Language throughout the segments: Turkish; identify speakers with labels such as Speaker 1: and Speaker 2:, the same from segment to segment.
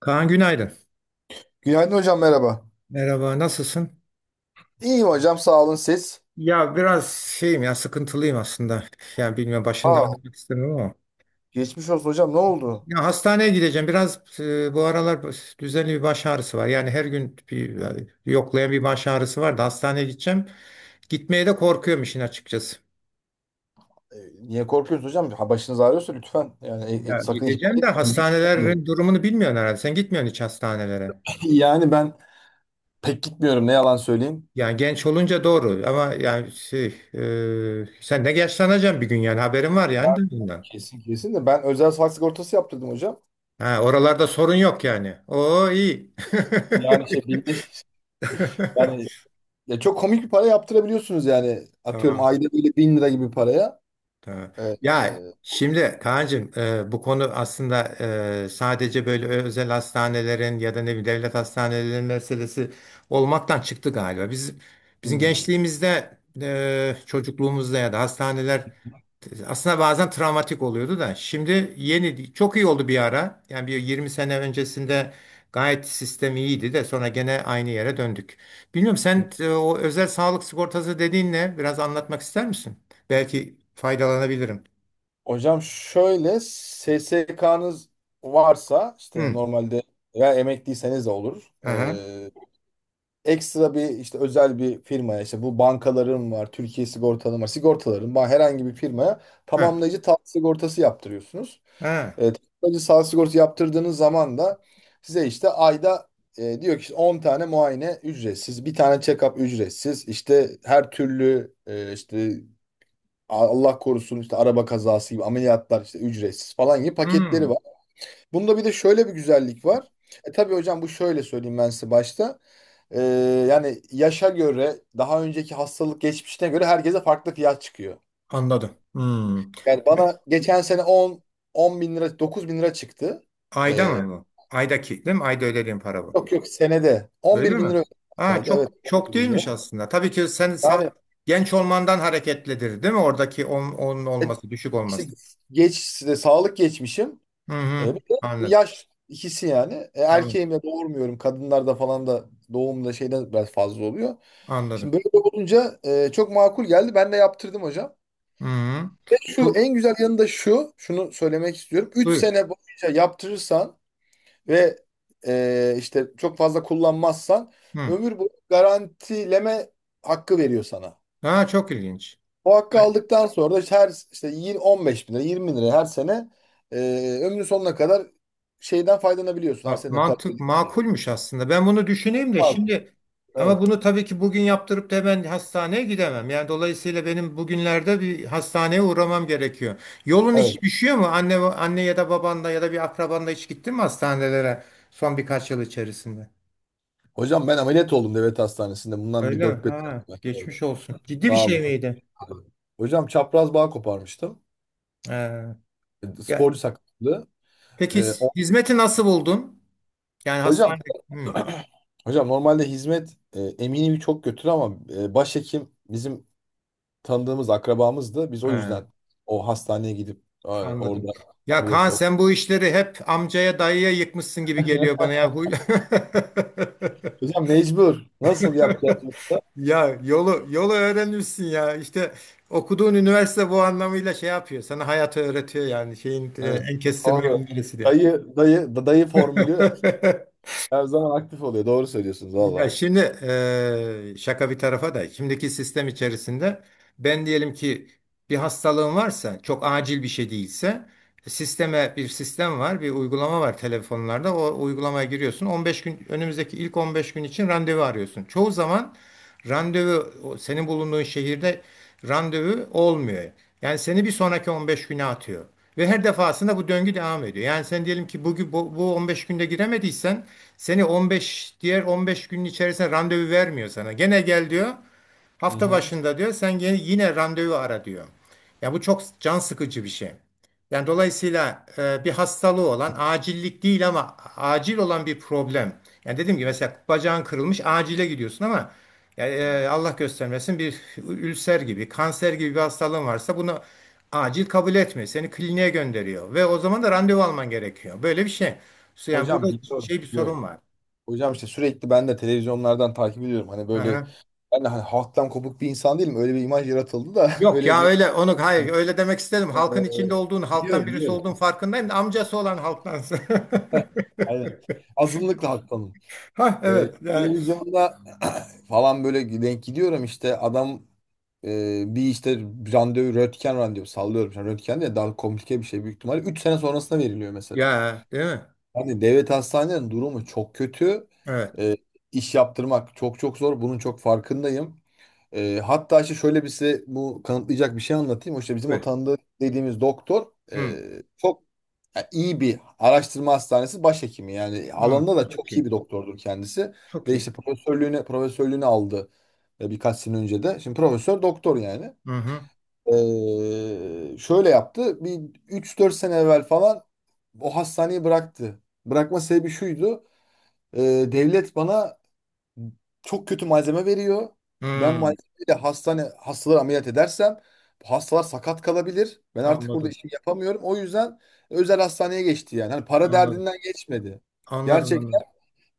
Speaker 1: Kaan günaydın.
Speaker 2: Günaydın hocam merhaba.
Speaker 1: Merhaba, nasılsın?
Speaker 2: İyiyim hocam sağ olun siz.
Speaker 1: Ya biraz şeyim ya sıkıntılıyım aslında. Yani bilmiyorum başında
Speaker 2: Aa,
Speaker 1: anlatmak istemiyorum ama.
Speaker 2: geçmiş olsun hocam ne oldu?
Speaker 1: Ya hastaneye gideceğim. Biraz bu aralar düzenli bir baş ağrısı var. Yani her gün bir yoklayan bir baş ağrısı var da hastaneye gideceğim. Gitmeye de korkuyorum işin açıkçası.
Speaker 2: E, niye korkuyorsunuz hocam? Ha, başınız ağrıyorsa lütfen yani
Speaker 1: Ya
Speaker 2: sakın ihmal
Speaker 1: gideceğim de
Speaker 2: etmeyin.
Speaker 1: hastanelerin durumunu bilmiyorsun herhalde. Sen gitmiyorsun hiç hastanelere.
Speaker 2: Yani ben pek gitmiyorum ne yalan söyleyeyim.
Speaker 1: Yani genç olunca doğru ama yani sen de yaşlanacaksın bir gün, yani haberin var
Speaker 2: Ya,
Speaker 1: yani bundan.
Speaker 2: kesin kesin de ben özel sağlık sigortası yaptırdım hocam.
Speaker 1: Ha, oralarda sorun yok yani. Oo, iyi.
Speaker 2: Yani şey binde yani ya çok komik bir para yaptırabiliyorsunuz yani. Atıyorum
Speaker 1: Tamam.
Speaker 2: ayda böyle bin lira gibi paraya.
Speaker 1: Tabii.
Speaker 2: Evet,
Speaker 1: Ya şimdi Kaan'cığım, bu konu aslında sadece böyle özel hastanelerin ya da ne bileyim devlet hastanelerinin meselesi olmaktan çıktı galiba. Bizim
Speaker 2: hmm.
Speaker 1: gençliğimizde, çocukluğumuzda ya da, hastaneler aslında bazen travmatik oluyordu da şimdi yeni çok iyi oldu bir ara. Yani bir 20 sene öncesinde gayet sistem iyiydi de sonra gene aynı yere döndük. Bilmiyorum sen, o özel sağlık sigortası dediğin ne? Biraz anlatmak ister misin? Belki faydalanabilirim.
Speaker 2: Hocam şöyle SSK'nız varsa işte
Speaker 1: Hmm.
Speaker 2: normalde veya emekliyseniz de olur.
Speaker 1: Aha.
Speaker 2: Ekstra bir işte özel bir firmaya işte bu bankaların var, Türkiye sigortaların var, sigortaların var herhangi bir firmaya
Speaker 1: Ha.
Speaker 2: tamamlayıcı sağlık sigortası yaptırıyorsunuz.
Speaker 1: Ha.
Speaker 2: Tamamlayıcı sağlık sigortası yaptırdığınız zaman da size işte ayda diyor ki işte 10 tane muayene ücretsiz, bir tane check-up ücretsiz, işte her türlü işte Allah korusun işte araba kazası gibi ameliyatlar işte ücretsiz falan gibi paketleri
Speaker 1: Hmm.
Speaker 2: var. Bunda bir de şöyle bir güzellik var. Tabii hocam bu şöyle söyleyeyim ben size başta. E, yani yaşa göre daha önceki hastalık geçmişine göre herkese farklı fiyat çıkıyor.
Speaker 1: Anladım. Hmm.
Speaker 2: Yani bana geçen sene 10, 10 bin lira 9 bin lira çıktı.
Speaker 1: Ayda
Speaker 2: E,
Speaker 1: mı bu? Aydaki, değil mi? Ayda ödediğim para bu.
Speaker 2: yok yok senede
Speaker 1: Öyle
Speaker 2: 11 bin
Speaker 1: mi?
Speaker 2: lira ödedim.
Speaker 1: Ha,
Speaker 2: Senede evet
Speaker 1: çok çok
Speaker 2: 11 bin lira.
Speaker 1: değilmiş aslında. Tabii ki
Speaker 2: Yani
Speaker 1: genç olmandan hareketlidir, değil mi? Oradaki on, onun
Speaker 2: e,
Speaker 1: olması, düşük
Speaker 2: işte
Speaker 1: olması.
Speaker 2: geç işte sağlık geçmişim.
Speaker 1: Hı hı.
Speaker 2: Bir de
Speaker 1: Anladım.
Speaker 2: yaş ikisi yani. E,
Speaker 1: Tamam.
Speaker 2: erkeğim doğurmuyorum. Kadınlarda falan da doğumda şeyden biraz fazla oluyor. Şimdi
Speaker 1: Anladım.
Speaker 2: böyle olunca çok makul geldi. Ben de yaptırdım hocam.
Speaker 1: Hı hı.
Speaker 2: Ve şu
Speaker 1: Bu-
Speaker 2: en güzel yanı da şu. Şunu söylemek istiyorum. 3
Speaker 1: Buyur.
Speaker 2: sene boyunca yaptırırsan ve işte çok fazla kullanmazsan
Speaker 1: Hı.
Speaker 2: ömür boyu garantileme hakkı veriyor sana.
Speaker 1: Ha, çok ilginç.
Speaker 2: O hakkı aldıktan sonra da işte her işte 20, 15 bin lira 20 bin lira her sene e, ömrün sonuna kadar şeyden faydalanabiliyorsun. Her
Speaker 1: Bak
Speaker 2: sene para
Speaker 1: mantık
Speaker 2: ödeyip-
Speaker 1: makulmüş aslında. Ben bunu düşüneyim de şimdi,
Speaker 2: Evet,
Speaker 1: ama bunu tabii ki bugün yaptırıp da hemen hastaneye gidemem. Yani dolayısıyla benim bugünlerde bir hastaneye uğramam gerekiyor. Yolun hiç
Speaker 2: evet.
Speaker 1: düşüyor mu? Anne anne ya da babanda ya da bir akrabanda hiç gittin mi hastanelere son birkaç yıl içerisinde?
Speaker 2: Hocam ben ameliyat oldum devlet hastanesinde. Bundan bir
Speaker 1: Öyle mi?
Speaker 2: dört beş sene
Speaker 1: Ha,
Speaker 2: evvel. Evet.
Speaker 1: geçmiş olsun. Ciddi bir
Speaker 2: Sağ
Speaker 1: şey
Speaker 2: olun.
Speaker 1: miydi?
Speaker 2: Hocam çapraz bağ koparmıştım.
Speaker 1: Ee,
Speaker 2: E,
Speaker 1: ya
Speaker 2: Sporcu sakatlığı.
Speaker 1: peki,
Speaker 2: E, o-
Speaker 1: hizmeti nasıl buldun? Yani
Speaker 2: hocam
Speaker 1: hastane. Hı.
Speaker 2: hocam normalde hizmet eminimi çok götür ama başhekim bizim tanıdığımız akrabamızdı. Biz o
Speaker 1: Ha.
Speaker 2: yüzden o hastaneye gidip orada
Speaker 1: Anladım. Ya
Speaker 2: ameliyat
Speaker 1: Kaan
Speaker 2: olduk.
Speaker 1: sen bu işleri hep amcaya dayıya yıkmışsın gibi geliyor bana ya. Huy-
Speaker 2: Hocam mecbur. Nasıl yapacağız yoksa?
Speaker 1: Ya yolu öğrenmişsin ya. İşte okuduğun üniversite bu anlamıyla şey yapıyor. Sana hayatı öğretiyor, yani şeyin,
Speaker 2: Evet.
Speaker 1: en kestirme
Speaker 2: Doğru.
Speaker 1: yolu neresi diye.
Speaker 2: Dayı, dayı, dayı formülü her zaman aktif oluyor. Doğru söylüyorsunuz
Speaker 1: Ya
Speaker 2: valla.
Speaker 1: şimdi şaka bir tarafa da, şimdiki sistem içerisinde ben diyelim ki bir hastalığım varsa, çok acil bir şey değilse, sisteme bir sistem var, bir uygulama var telefonlarda, o uygulamaya giriyorsun 15 gün, önümüzdeki ilk 15 gün için randevu arıyorsun. Çoğu zaman randevu, o senin bulunduğun şehirde randevu olmuyor. Yani seni bir sonraki 15 güne atıyor. Ve her defasında bu döngü devam ediyor. Yani sen diyelim ki bugün bu 15 günde giremediysen, seni 15 diğer 15 günün içerisinde randevu vermiyor sana. Gene gel diyor.
Speaker 2: Hı
Speaker 1: Hafta
Speaker 2: hı.
Speaker 1: başında diyor. Yine randevu ara diyor. Ya bu çok can sıkıcı bir şey. Yani dolayısıyla, bir hastalığı olan, acillik değil ama acil olan bir problem. Yani dedim ki mesela bacağın kırılmış, acile gidiyorsun, ama ya, Allah göstermesin bir ülser gibi, kanser gibi bir hastalığın varsa, bunu acil kabul etmiyor. Seni kliniğe gönderiyor ve o zaman da randevu alman gerekiyor. Böyle bir şey. Yani burada
Speaker 2: Hocam biliyorum,
Speaker 1: bir sorun
Speaker 2: biliyorum.
Speaker 1: var.
Speaker 2: Hocam işte sürekli ben de televizyonlardan takip ediyorum. Hani böyle
Speaker 1: Aha.
Speaker 2: ben de hani halktan kopuk bir insan değilim. Öyle bir imaj yaratıldı da
Speaker 1: Yok
Speaker 2: öyle
Speaker 1: ya,
Speaker 2: bir
Speaker 1: öyle onu, hayır, öyle demek istedim.
Speaker 2: Ee,
Speaker 1: Halkın içinde olduğun, halktan
Speaker 2: biliyorum
Speaker 1: birisi
Speaker 2: biliyorum.
Speaker 1: olduğun farkındayım da amcası olan halktansın.
Speaker 2: Aynen. Azınlıkla halktanım.
Speaker 1: Ha,
Speaker 2: E,
Speaker 1: evet ya.
Speaker 2: televizyonda falan böyle denk gidiyorum işte adam e, bir işte randevu röntgen randevu sallıyorum. Yani röntgen de daha komplike bir şey büyük ihtimalle. 3 sene sonrasına veriliyor mesela.
Speaker 1: Ya değil mi?
Speaker 2: Hani devlet hastanelerinin durumu çok kötü.
Speaker 1: Evet.
Speaker 2: E, iş yaptırmak çok çok zor. Bunun çok farkındayım. Hatta işte şöyle bir size bu kanıtlayacak bir şey anlatayım. O İşte bizim o
Speaker 1: Buyur.
Speaker 2: tanıdığı dediğimiz doktor e,
Speaker 1: Hı,
Speaker 2: çok ya, iyi bir araştırma hastanesi başhekimi. Yani
Speaker 1: hı.
Speaker 2: alanında da
Speaker 1: Çok
Speaker 2: çok
Speaker 1: iyi.
Speaker 2: iyi bir doktordur kendisi.
Speaker 1: Çok
Speaker 2: De
Speaker 1: iyi.
Speaker 2: işte profesörlüğünü aldı birkaç sene önce de. Şimdi profesör doktor yani.
Speaker 1: Hı hı.
Speaker 2: Şöyle yaptı. Bir üç dört sene evvel falan o hastaneyi bıraktı. Bırakma sebebi şuydu. E, devlet bana çok kötü malzeme veriyor. Ben
Speaker 1: Hı.
Speaker 2: malzemeyle hastane hastaları ameliyat edersem bu hastalar sakat kalabilir. Ben artık burada
Speaker 1: Anladım.
Speaker 2: işimi yapamıyorum. O yüzden özel hastaneye geçti yani. Hani para
Speaker 1: Anladım.
Speaker 2: derdinden geçmedi.
Speaker 1: Anladım,
Speaker 2: Gerçekten
Speaker 1: anladım.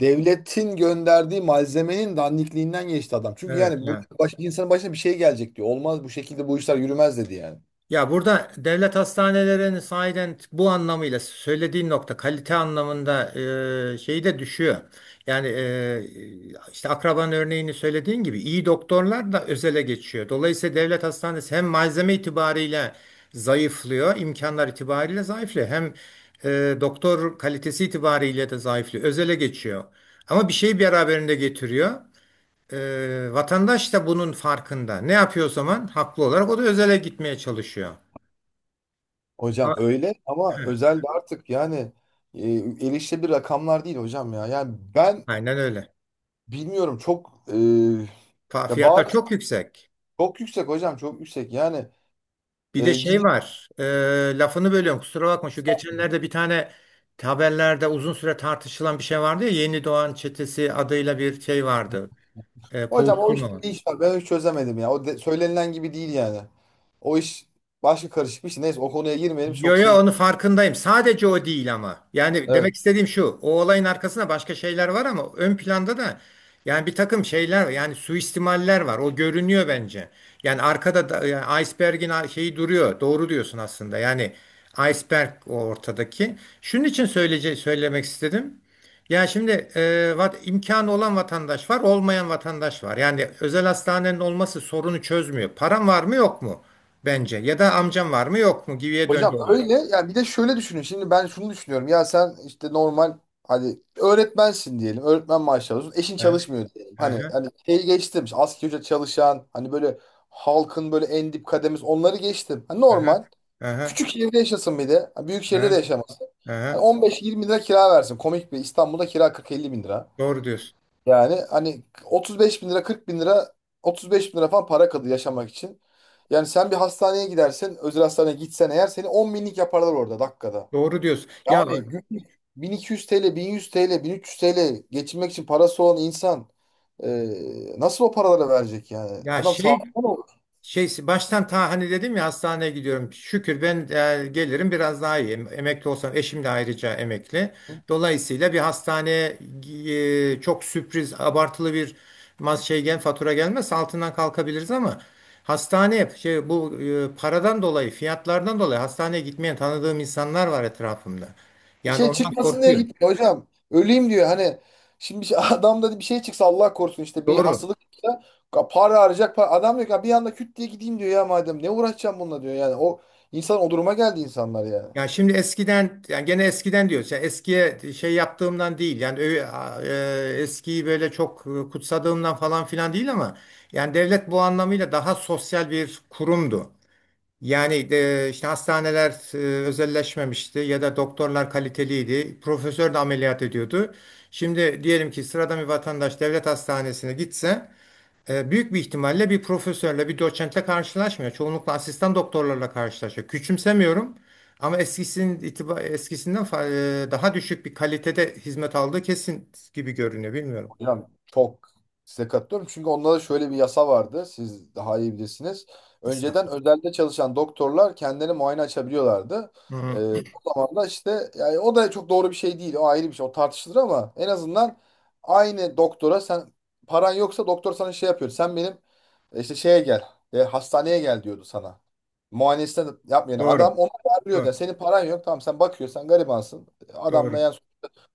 Speaker 2: devletin gönderdiği malzemenin dandikliğinden geçti adam. Çünkü
Speaker 1: Evet
Speaker 2: yani
Speaker 1: ya.
Speaker 2: burada insanın başına bir şey gelecek diyor. Olmaz bu şekilde bu işler yürümez dedi yani.
Speaker 1: Ya burada devlet hastanelerinin sahiden bu anlamıyla söylediğin nokta, kalite anlamında, şeyi de düşüyor. Yani e, işte akraban örneğini söylediğin gibi iyi doktorlar da özele geçiyor. Dolayısıyla devlet hastanesi hem malzeme itibariyle zayıflıyor, imkanlar itibariyle zayıflıyor. Hem doktor kalitesi itibariyle de zayıflıyor, özele geçiyor. Ama bir şeyi beraberinde getiriyor. E, vatandaş da bunun farkında. Ne yapıyor o zaman? Haklı olarak o da özele gitmeye çalışıyor. Ha,
Speaker 2: Hocam öyle ama
Speaker 1: he,
Speaker 2: özel de artık yani e, erişilebilir rakamlar değil hocam ya. Yani ben
Speaker 1: aynen öyle.
Speaker 2: bilmiyorum çok ya
Speaker 1: Fiyatlar
Speaker 2: bazı
Speaker 1: çok yüksek.
Speaker 2: çok yüksek hocam çok yüksek. Yani
Speaker 1: Bir de şey
Speaker 2: gidip
Speaker 1: var. Lafını bölüyorum, kusura bakma. Şu geçenlerde bir tane haberlerde uzun süre tartışılan bir şey vardı ya. Yeni Doğan Çetesi adıyla bir şey vardı. E,
Speaker 2: hocam o işte
Speaker 1: kovuşturma.
Speaker 2: bir iş var. Ben hiç çözemedim ya. Söylenilen gibi değil yani. O iş başka karışık bir şey. Neyse o konuya girmeyelim.
Speaker 1: Yo
Speaker 2: Çok
Speaker 1: yo,
Speaker 2: sinirim.
Speaker 1: onu farkındayım. Sadece o değil ama. Yani
Speaker 2: Evet.
Speaker 1: demek istediğim şu. O olayın arkasında başka şeyler var, ama ön planda da yani bir takım şeyler var. Yani suistimaller var. O görünüyor bence. Yani arkada da iceberg'in şeyi duruyor. Doğru diyorsun aslında. Yani iceberg o ortadaki. Şunun için söyleyece Söylemek istedim. Ya şimdi, imkanı olan vatandaş var, olmayan vatandaş var. Yani özel hastanenin olması sorunu çözmüyor. Param var mı yok mu? Bence. Ya da amcam var mı yok mu gibiye döndü
Speaker 2: Hocam
Speaker 1: olay.
Speaker 2: öyle ya bir de şöyle düşünün. Şimdi ben şunu düşünüyorum. Ya sen işte normal hadi öğretmensin diyelim. Öğretmen maaşı alıyorsun. Eşin
Speaker 1: Aha,
Speaker 2: çalışmıyor diyelim. Hani
Speaker 1: aha,
Speaker 2: hani şeyi geçtim. İşte asgari ücret çalışan hani böyle halkın böyle en dip kademesi onları geçtim. Hani
Speaker 1: aha,
Speaker 2: normal.
Speaker 1: aha,
Speaker 2: Küçük şehirde yaşasın bir de. Büyük
Speaker 1: aha.
Speaker 2: şehirde de yaşamasın. Hani
Speaker 1: Hı.
Speaker 2: 15-20 lira kira versin. Komik bir İstanbul'da kira 40-50 bin lira.
Speaker 1: Doğru diyorsun.
Speaker 2: Yani hani 35 bin lira 40 bin lira 35 bin lira falan para kalıyor yaşamak için. Yani sen bir hastaneye gidersen özel hastaneye gitsen eğer seni 10 binlik yaparlar orada dakikada.
Speaker 1: Doğru diyorsun.
Speaker 2: Yani günlük 1200 TL, 1100 TL, 1300 TL geçinmek için parası olan insan e, nasıl o paralara verecek yani?
Speaker 1: Ya
Speaker 2: Adam
Speaker 1: şey
Speaker 2: sağlıklı mı olur?
Speaker 1: Baştan ta hani dedim ya, hastaneye gidiyorum. Şükür ben, gelirim biraz daha iyi. Emekli olsam eşim de ayrıca emekli. Dolayısıyla bir hastaneye, çok sürpriz abartılı bir mas şey gel fatura gelmez, altından kalkabiliriz. Ama hastane şey bu e, paradan dolayı, fiyatlardan dolayı hastaneye gitmeyen tanıdığım insanlar var etrafımda.
Speaker 2: Bir
Speaker 1: Yani
Speaker 2: şey
Speaker 1: ondan
Speaker 2: çıkmasın diye
Speaker 1: korkuyorum.
Speaker 2: gitmiyor hocam. Öleyim diyor. Hani şimdi bir şey, adamda bir şey çıksa Allah korusun işte bir
Speaker 1: Doğru.
Speaker 2: hastalık çıksa para arayacak. Para. Adam diyor ki "Ha, bir anda küt diye gideyim diyor ya madem. Ne uğraşacağım bununla diyor yani. O insan o duruma geldi insanlar ya.
Speaker 1: Ya şimdi eskiden, yani gene eskiden diyoruz, yani eskiye şey yaptığımdan değil, yani eskiyi böyle çok kutsadığımdan falan filan değil, ama yani devlet bu anlamıyla daha sosyal bir kurumdu. Yani, işte hastaneler, özelleşmemişti ya da doktorlar kaliteliydi. Profesör de ameliyat ediyordu. Şimdi diyelim ki sıradan bir vatandaş devlet hastanesine gitse, büyük bir ihtimalle bir profesörle, bir doçentle karşılaşmıyor. Çoğunlukla asistan doktorlarla karşılaşıyor. Küçümsemiyorum, ama daha düşük bir kalitede hizmet aldığı kesin gibi görünüyor. Bilmiyorum.
Speaker 2: Hocam çok size katılıyorum. Çünkü onlarda şöyle bir yasa vardı. Siz daha iyi bilirsiniz. Önceden
Speaker 1: Estağfurullah.
Speaker 2: özelde çalışan doktorlar kendileri muayene açabiliyorlardı.
Speaker 1: Hı
Speaker 2: Ee,
Speaker 1: hı.
Speaker 2: o zaman da işte yani o da çok doğru bir şey değil. O ayrı bir şey. O tartışılır ama en azından aynı doktora sen paran yoksa doktor sana şey yapıyor. Sen benim işte şeye gel. Hastaneye gel diyordu sana. Muayenesini yapmayan adam
Speaker 1: Doğru.
Speaker 2: onu çağırıyordu. Yani
Speaker 1: Doğru.
Speaker 2: senin paran yok. Tamam sen bakıyorsun. Sen garibansın. Adamla
Speaker 1: Doğru.
Speaker 2: yani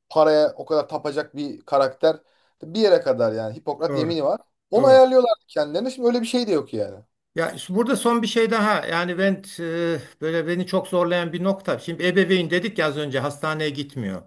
Speaker 2: paraya o kadar tapacak bir karakter. Bir yere kadar yani. Hipokrat
Speaker 1: Doğru.
Speaker 2: yemini var. Onu
Speaker 1: Doğru.
Speaker 2: ayarlıyorlar kendilerine. Şimdi öyle bir şey de yok yani.
Speaker 1: Ya işte burada son bir şey daha, yani ben, böyle beni çok zorlayan bir nokta. Şimdi ebeveyn dedik ya, az önce hastaneye gitmiyor.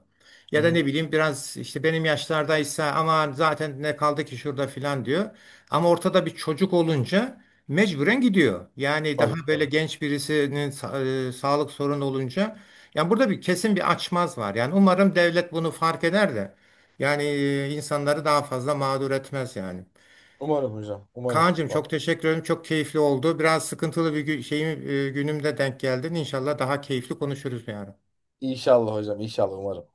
Speaker 2: Hı
Speaker 1: Ya da ne
Speaker 2: hı.
Speaker 1: bileyim biraz işte benim yaşlardaysa, ama zaten ne kaldı ki şurada filan diyor. Ama ortada bir çocuk olunca mecburen gidiyor. Yani daha
Speaker 2: Tabii
Speaker 1: böyle
Speaker 2: tabii.
Speaker 1: genç birisinin sağlık sorunu olunca, yani burada bir kesin bir açmaz var. Yani umarım devlet bunu fark eder de yani, insanları daha fazla mağdur etmez yani.
Speaker 2: Umarım hocam. Umarım.
Speaker 1: Kaan'cığım
Speaker 2: Bak,
Speaker 1: çok teşekkür ederim. Çok keyifli oldu. Biraz sıkıntılı bir günümde denk geldin. İnşallah daha keyifli konuşuruz bir
Speaker 2: İnşallah hocam. İnşallah umarım.